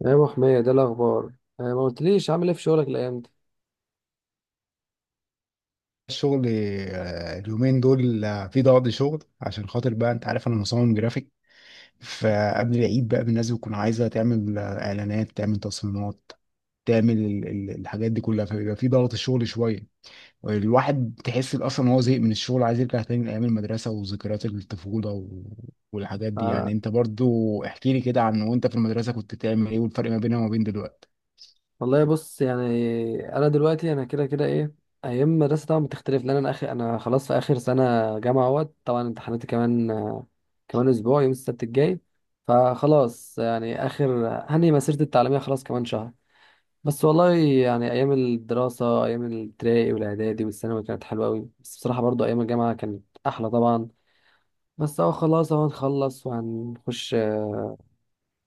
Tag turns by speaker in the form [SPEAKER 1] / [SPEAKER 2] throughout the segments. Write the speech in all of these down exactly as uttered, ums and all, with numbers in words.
[SPEAKER 1] يا ابو حميد، ده الاخبار. آه، ما قلتليش عامل ايه في شغلك الايام دي؟
[SPEAKER 2] الشغل. آه، اليومين دول آه، في ضغط شغل عشان خاطر بقى، انت عارف انا مصمم جرافيك. فقبل العيد بقى الناس بتكون عايزه تعمل آه، اعلانات، تعمل تصميمات، تعمل ال- ال- الحاجات دي كلها، فبيبقى في ضغط شغل شويه. الواحد تحس اصلا ان هو زهق من الشغل، عايز يرجع تاني لايام المدرسه وذكريات الطفوله و... والحاجات دي، يعني
[SPEAKER 1] آه،
[SPEAKER 2] انت برضو احكي لي كده، عن وانت في المدرسه كنت بتعمل ايه، والفرق ما بينها وما بين دلوقتي؟
[SPEAKER 1] والله بص يعني. انا دلوقتي انا كده كده ايه، ايام مدرسه طبعا بتختلف لان انا اخر انا خلاص في اخر سنه جامعه اهوت. طبعا امتحاناتي كمان، آه، كمان اسبوع يوم السبت الجاي. فخلاص يعني اخر هني مسيرتي التعليميه خلاص كمان شهر. بس والله يعني ايام الدراسه ايام الابتدائي والاعدادي والثانوي كانت حلوه قوي، بس بصراحه برضو ايام الجامعه كانت احلى طبعا. بس اهو خلاص اهو هنخلص وهنخش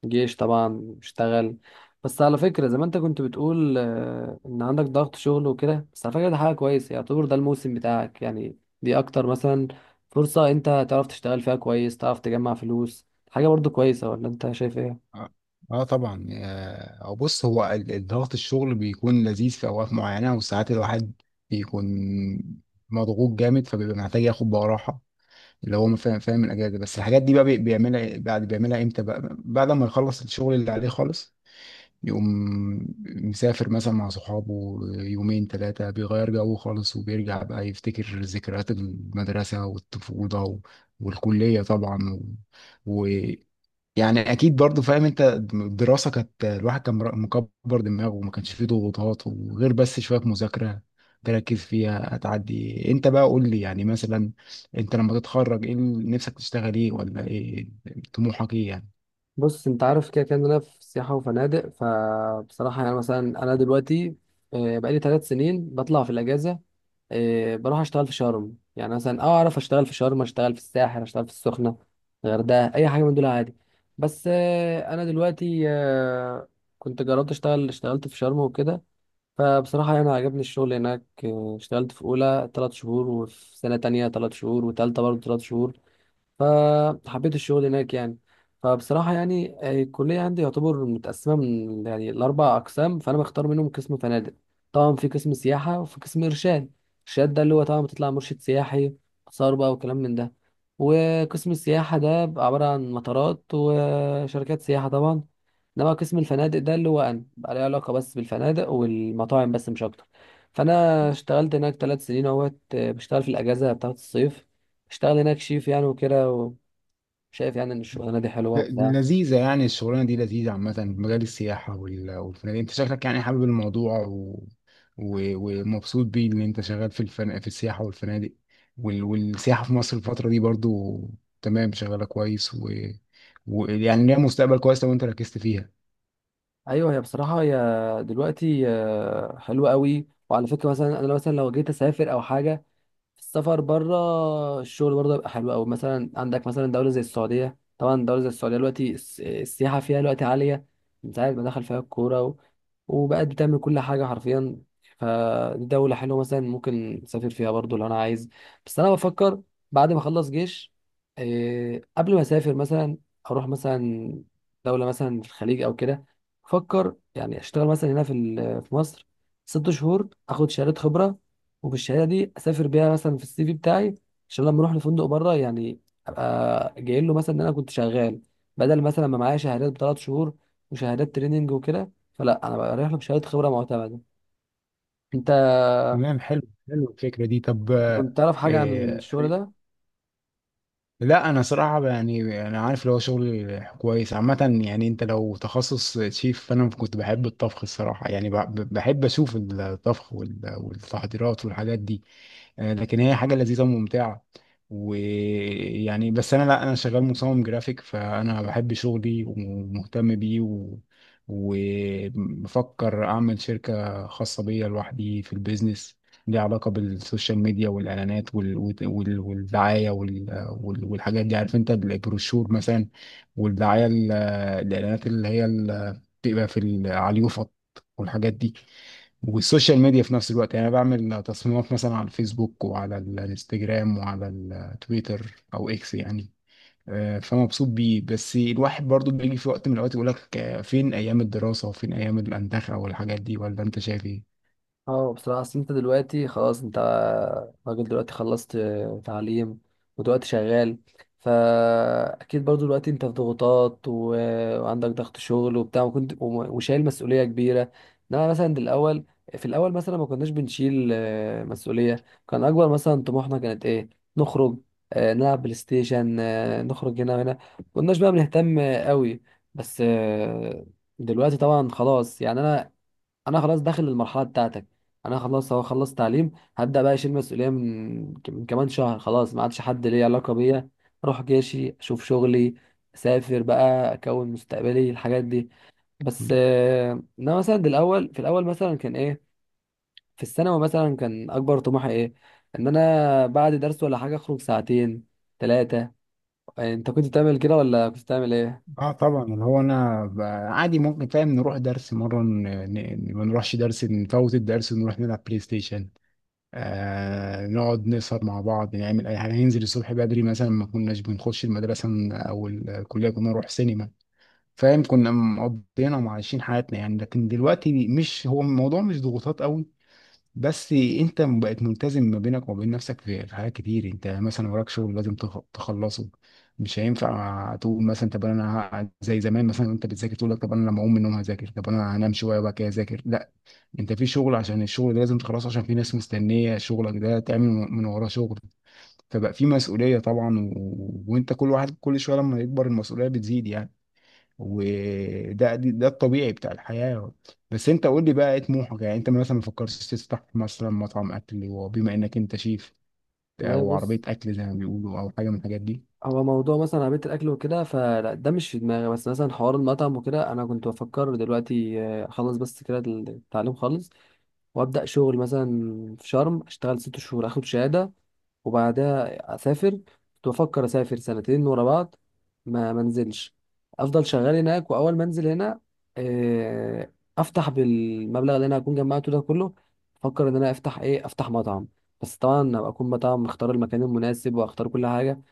[SPEAKER 1] جيش طبعا، اشتغل. بس على فكرة زي ما انت كنت بتقول آه، ان عندك ضغط شغل وكده. بس على فكرة ده حاجة كويسة، يعتبر ده الموسم بتاعك، يعني دي اكتر مثلا فرصة انت تعرف تشتغل فيها كويس، تعرف تجمع فلوس. حاجة برضو كويسة، ولا انت شايف ايه؟
[SPEAKER 2] اه، آه طبعا. آه، هو بص، هو ال- الضغط الشغل بيكون لذيذ في اوقات معينه، وساعات الواحد بيكون مضغوط جامد، فبيبقى محتاج ياخد بقى راحه، اللي هو فاهم فاهم الاجازه. بس الحاجات دي بقى بي- بيعملها إيه- بعد، بيعملها امتى بقى؟ بعد ما يخلص الشغل اللي عليه خالص، يقوم مسافر مثلا مع صحابه يومين ثلاثه، بيغير جو خالص، وبيرجع بقى يفتكر ذكريات المدرسه والطفوله و- والكليه طبعا و... يعني اكيد برضو فاهم انت. الدراسه كانت، الواحد كان مر- مكبر دماغه، وما كانش فيه ضغوطات، وغير بس شويه مذاكره تركز فيها هتعدي. انت بقى قول لي يعني، مثلا انت لما تتخرج ايه اللي نفسك تشتغل، ايه ولا ايه طموحك ايه يعني؟
[SPEAKER 1] بص انت عارف كده كده إن انا في سياحة وفنادق. فبصراحة يعني مثلا انا دلوقتي آه، بقالي ثلاث سنين بطلع في الاجازة، إيه بروح اشتغل في شرم. يعني مثلا اه اعرف اشتغل في شرم، اشتغل في الساحل، اشتغل في السخنه، الغردقه، اي حاجه من دول عادي. بس إيه انا دلوقتي آه، كنت جربت اشتغل اشتغلت في شرم وكده. فبصراحه يعني عجبني الشغل هناك، إيه، اشتغلت في اولى ثلاث شهور، وفي سنه تانية ثلاث شهور، وتالتة برضه ثلاث شهور. فحبيت الشغل هناك يعني. فبصراحة يعني آه، الكلية عندي يعتبر متقسمة من يعني الأربع أقسام، فأنا بختار منهم قسم فنادق. طبعا في قسم سياحة وفي قسم إرشاد. إرشاد ده اللي هو طبعا بتطلع مرشد سياحي، آثار بقى وكلام من ده. وقسم السياحة ده بيبقى عبارة عن مطارات وشركات سياحة طبعا. إنما قسم الفنادق ده اللي هو أنا بقى ليه علاقة بس بالفنادق والمطاعم بس مش أكتر. فأنا اشتغلت هناك ثلاث سنين أهوت، آه، بشتغل في الأجازة بتاعة الصيف، اشتغل هناك شيف يعني وكده. شايف يعني ان الشغلانه دي حلوه
[SPEAKER 2] ل-
[SPEAKER 1] وبتاع.
[SPEAKER 2] لذيذة يعني، الشغلانة دي لذيذة عامة، مجال السياحة وال- والفنادق، انت شكلك يعني حابب الموضوع و... و... ومبسوط بيه ان انت شغال في الفن... في السياحة والفنادق، وال... والسياحة في مصر الفترة دي برضو تمام، شغالة كويس و... ويعني ليها مستقبل كويس لو انت ركزت فيها.
[SPEAKER 1] ايوه، هي بصراحه هي دلوقتي آه، حلوه قوي. وعلى فكره مثلا انا مثلا لو جيت اسافر او حاجه، السفر بره الشغل برضه يبقى حلو قوي. مثلا عندك مثلا دوله زي السعوديه، طبعا دوله زي السعوديه دلوقتي الس- السياحه فيها دلوقتي عاليه من ساعه ما دخل فيها الكوره، وبقت بتعمل كل حاجة حرفيا. فدولة حلوة مثلا ممكن أسافر فيها برضو لو أنا عايز. بس أنا بفكر بعد ما أخلص جيش إيه، قبل ما أسافر مثلا أروح مثلا دولة مثلا في الخليج أو كده. بفكر يعني أشتغل مثلا هنا في ال- في مصر ست شهور، أخد شهادة خبرة، وبالشهادة دي أسافر بيها مثلا في السي في بتاعي. عشان لما أروح لفندق بره يعني أبقى جاي له مثلا إن أنا كنت شغال، بدل مثلا ما معايا شهادات بثلاث شهور وشهادات تريننج وكده. فلا انا بريح له بشهاده خبره معتمده. انت
[SPEAKER 2] تمام، حلو. حلو الفكرة دي. طب،
[SPEAKER 1] كنت تعرف حاجه عن
[SPEAKER 2] آه،
[SPEAKER 1] الشغل ده؟
[SPEAKER 2] لا، انا صراحه يعني، انا عارف اللي هو شغل كويس عامه، يعني انت لو تخصص شيف، فانا كنت بحب الطبخ الصراحه يعني، ب- بحب اشوف الطبخ وال- والتحضيرات والحاجات دي. آه، لكن هي حاجة لذيذة وممتعة، ويعني بس انا، لا، انا شغال مصمم جرافيك، فانا بحب شغلي ومهتم بيه و... وبفكر اعمل شركة خاصة بيا لوحدي في البيزنس، ليها علاقة بالسوشيال ميديا والإعلانات وال... وال... والدعاية وال... وال... والحاجات دي، عارف أنت، البروشور مثلا، والدعاية ال- الإعلانات اللي هي ال- بتبقى في ال- على اليوفط والحاجات دي، والسوشيال ميديا في نفس الوقت، يعني انا بعمل تصميمات مثلا على الفيسبوك وعلى الانستجرام وعلى التويتر او اكس يعني. آه، فمبسوط بيه. بس الواحد برضو بيجي في وقت من الاوقات يقول لك آه، فين ايام الدراسة، وفين ايام الاندخة والحاجات دي، ولا انت شايف ايه؟
[SPEAKER 1] اه بصراحة أصل أنت دلوقتي خلاص، أنت راجل دلوقتي، خلصت تعليم ودلوقتي شغال. فأكيد برضو دلوقتي أنت في ضغوطات، و... وعندك ضغط شغل وبتاع، وكنت وم- وشايل مسؤولية كبيرة. إنما مثلا الأول، في الأول مثلا ما كناش بنشيل آه، مسؤولية، كان أكبر مثلا طموحنا كانت إيه؟ نخرج، آه، نلعب بلاي ستيشن، آه، نخرج هنا وهنا. ما كناش بقى بنهتم آه، قوي. بس آه، دلوقتي طبعا خلاص يعني أنا انا خلاص داخل المرحله بتاعتك. انا خلاص اهو خلصت تعليم. هبدا بقى اشيل مسؤوليه من من كمان شهر. خلاص ما عادش حد ليه علاقه بيا، اروح جيشي، اشوف شغلي، اسافر بقى، اكون مستقبلي، الحاجات دي. بس آه، انا مثلا دي الاول، في الاول مثلا كان ايه، في الثانوي مثلا كان اكبر طموحي ايه، ان انا بعد درس ولا حاجه اخرج ساعتين ثلاثه. انت كنت بتعمل كده ولا كنت بتعمل ايه؟
[SPEAKER 2] اه طبعا، اللي هو انا ب- عادي، ممكن فاهم، نروح درس مره، ن- ن- ما نروحش درس، نفوت الدرس ونروح نلعب بلاي ستيشن، آه نقعد نسهر مع بعض، نعمل اي حاجه، ننزل الصبح بدري، مثلا ما كناش بنخش المدرسه، ن- او الكليه، كنا نروح سينما، فاهم، كنا مقضينا وعايشين حياتنا يعني. لكن دلوقتي مش هو الموضوع، مش ضغوطات قوي، بس انت بقت ملتزم ما بينك وما بين نفسك في في حاجات كتير. انت مثلا وراك شغل لازم تخ- تخلصه، مش هينفع تقول مثلا طب انا ه- زي زمان مثلا، انت بتذاكر تقول لك طب انا لما اقوم من النوم هذاكر، طب انا هنام شويه وبعد كده اذاكر، لا، انت في شغل، عشان الشغل ده لازم تخلصه، عشان في ناس مستنيه شغلك ده تعمل من وراه شغل. فبقى في مسؤوليه طبعا، و... و- وانت كل واحد كل شويه لما يكبر المسؤوليه بتزيد يعني، وده دي- ده الطبيعي بتاع الحياه. بس انت قول لي بقى ايه طموحك يعني، انت مثلا ما فكرتش تفتح مثلا مطعم اكل، وبما انك انت شيف،
[SPEAKER 1] والله
[SPEAKER 2] او
[SPEAKER 1] بص،
[SPEAKER 2] عربيه اكل زي ما بيقولوا، او حاجه من الحاجات دي؟
[SPEAKER 1] هو موضوع مثلا عربية الأكل وكده فلا ده مش في دماغي. بس مثلا حوار المطعم وكده أنا كنت بفكر دلوقتي آه، أخلص بس كده التعليم خالص، وأبدأ شغل مثلا في شرم أشتغل ست شهور أخد شهادة. وبعدها أسافر، كنت بفكر أسافر سنتين ورا بعض، ما منزلش أفضل شغال هناك. وأول ما أنزل هنا آه، أفتح بالمبلغ اللي أنا هكون جمعته ده كله. أفكر إن أنا أفتح إيه، أفتح مطعم. بس طبعا أبقى أكون مطعم مختار المكان المناسب وأختار كل حاجة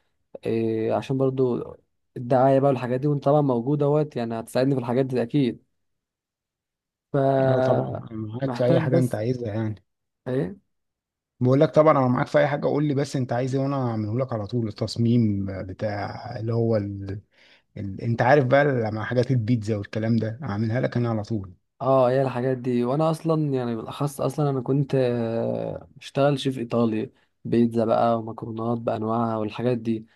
[SPEAKER 1] إيه، عشان برضو الدعاية بقى والحاجات دي. وانت طبعا موجود اهوت يعني، هتساعدني في الحاجات دي اكيد. ف
[SPEAKER 2] اه طبعا، انا معاك في اي
[SPEAKER 1] محتاج
[SPEAKER 2] حاجه انت
[SPEAKER 1] بس
[SPEAKER 2] عايزها يعني.
[SPEAKER 1] ايه.
[SPEAKER 2] بقول لك، طبعا انا معاك في اي حاجه، قول لي بس انت عايز ايه وانا اعمله لك على طول، التصميم بتاع اللي هو ال- انت عارف بقى، لما حاجات البيتزا والكلام ده اعملها لك انا على طول.
[SPEAKER 1] اه هي الحاجات دي، وانا اصلا يعني بالاخص اصلا انا كنت آه، بشتغل شيف ايطالي، بيتزا بقى ومكرونات بانواعها والحاجات دي،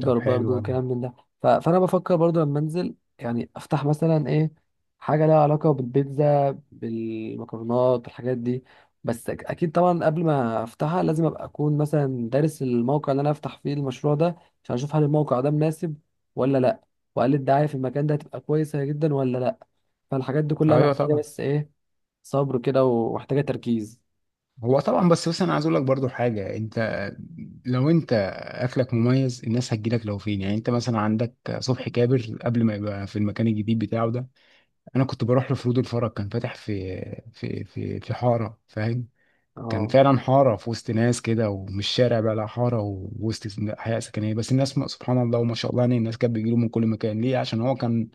[SPEAKER 2] طب
[SPEAKER 1] برضو
[SPEAKER 2] حلو أوي.
[SPEAKER 1] وكلام من ده. ف- فانا بفكر برضو لما انزل يعني افتح مثلا ايه، حاجه لها علاقه بالبيتزا بالمكرونات بالحاجات دي. بس أك- اكيد طبعا قبل ما افتحها لازم ابقى اكون مثلا دارس الموقع اللي انا افتح فيه المشروع ده، عشان اشوف هل الموقع ده مناسب ولا لا، وهل الدعايه في المكان ده هتبقى كويسه جدا ولا لا. فالحاجات دي كلها
[SPEAKER 2] ايوه
[SPEAKER 1] محتاجه
[SPEAKER 2] طبعا.
[SPEAKER 1] بس ايه، صبر كده، ومحتاجه تركيز.
[SPEAKER 2] هو طبعا، بس بس انا عايز اقول لك برضو حاجه، انت لو انت اكلك مميز، الناس هتجيلك لو فين، يعني. انت مثلا عندك صبحي كابر، قبل ما يبقى في المكان الجديد بتاعه ده، انا كنت بروح له في رود الفرج، كان فاتح في في في في حاره، فاهم، كان
[SPEAKER 1] اه
[SPEAKER 2] فعلا حارة في وسط ناس كده، ومش شارع بقى، لا، حارة ووسط حياة سكنية. بس الناس ما- سبحان الله وما شاء الله، يعني الناس كانت بتجيله من كل مكان، ليه؟ عشان هو كان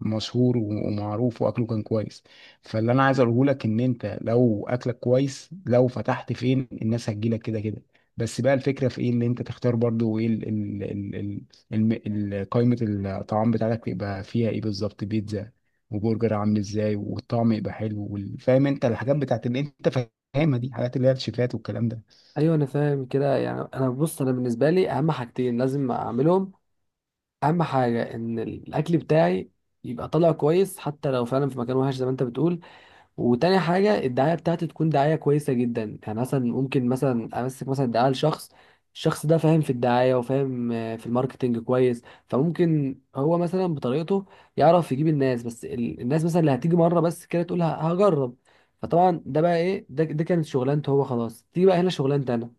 [SPEAKER 2] مشهور و- ومعروف، واكله كان كويس. فاللي انا عايز اقوله لك، ان انت لو اكلك كويس، لو فتحت فين الناس هتجيلك كده كده. بس بقى الفكرة في ايه؟ ان انت تختار برضو ايه، ال ال ال ال ال قائمة الطعام بتاعتك يبقى فيها ايه بالظبط، بيتزا وبرجر عامل ازاي، والطعم يبقى حلو، وال- فاهم انت الحاجات بتاعت اللي انت، الخامه دي، حاجات اللي هي الشيكات والكلام ده.
[SPEAKER 1] ايوه انا فاهم كده يعني. انا بص، انا بالنسبه لي اهم حاجتين لازم اعملهم. اهم حاجه ان الاكل بتاعي يبقى طالع كويس حتى لو فعلا في مكان وحش زي ما انت بتقول. وتاني حاجه الدعايه بتاعتي تكون دعايه كويسه جدا. يعني مثلا ممكن مثلا امسك مثلا دعايه لشخص، الشخص ده فاهم في الدعايه وفاهم آه، في الماركتينج كويس. فممكن هو مثلا بطريقته يعرف يجيب الناس. بس ال- الناس مثلا اللي هتيجي مره بس كده تقول ه- هجرب. فطبعا ده بقى ايه، ده, ده كانت شغلانته هو خلاص. تيجي بقى هنا شغلانتي انا،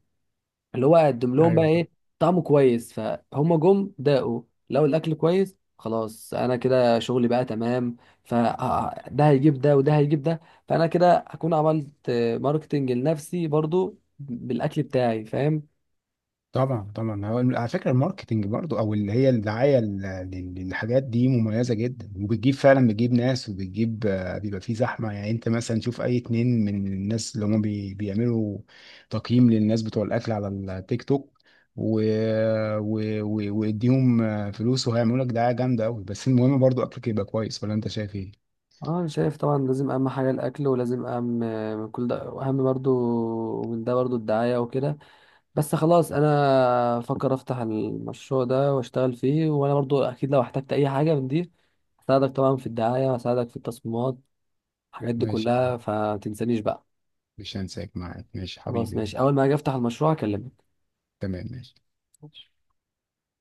[SPEAKER 1] اللي هو اقدم لهم بقى
[SPEAKER 2] ايوه طبعا،
[SPEAKER 1] ايه، طعمه كويس فهم جم داقوا. لو الاكل كويس خلاص انا كده شغلي بقى تمام، فده هيجيب ده وده هيجيب ده. فانا كده هكون عملت آه، ماركتنج لنفسي برضو بالاكل بتاعي، فاهم.
[SPEAKER 2] طبعا، طبعا. هو على فكره الماركتنج برضو، او اللي هي الدعايه لل- لل- للحاجات دي مميزه جدا، وبتجيب فعلا، بتجيب ناس، وبتجيب آه، بيبقى في زحمه يعني. انت مثلا شوف اي اتنين من الناس اللي هم بي بيعملوا تقييم للناس بتوع الاكل على التيك توك و... و... و... واديهم آه، فلوس، وهيعملوا لك دعايه جامده قوي، بس المهم برضو اكلك يبقى كويس، ولا انت شايف ايه؟
[SPEAKER 1] اه انا شايف طبعا لازم اهم حاجه الاكل، ولازم اهم آه، من كل ده، واهم برضو من ده برضو الدعايه وكده. بس خلاص انا افكر افتح المشروع ده واشتغل فيه، وانا برضو اكيد لو احتجت اي حاجه من دي هساعدك طبعا في الدعايه، هساعدك في التصميمات، الحاجات دي
[SPEAKER 2] ماشي.
[SPEAKER 1] كلها، فتنسانيش بقى.
[SPEAKER 2] مش هنساك، معاك ماشي
[SPEAKER 1] خلاص
[SPEAKER 2] حبيبي.
[SPEAKER 1] ماشي، اول ما اجي افتح المشروع اكلمك.
[SPEAKER 2] تمام، ماشي.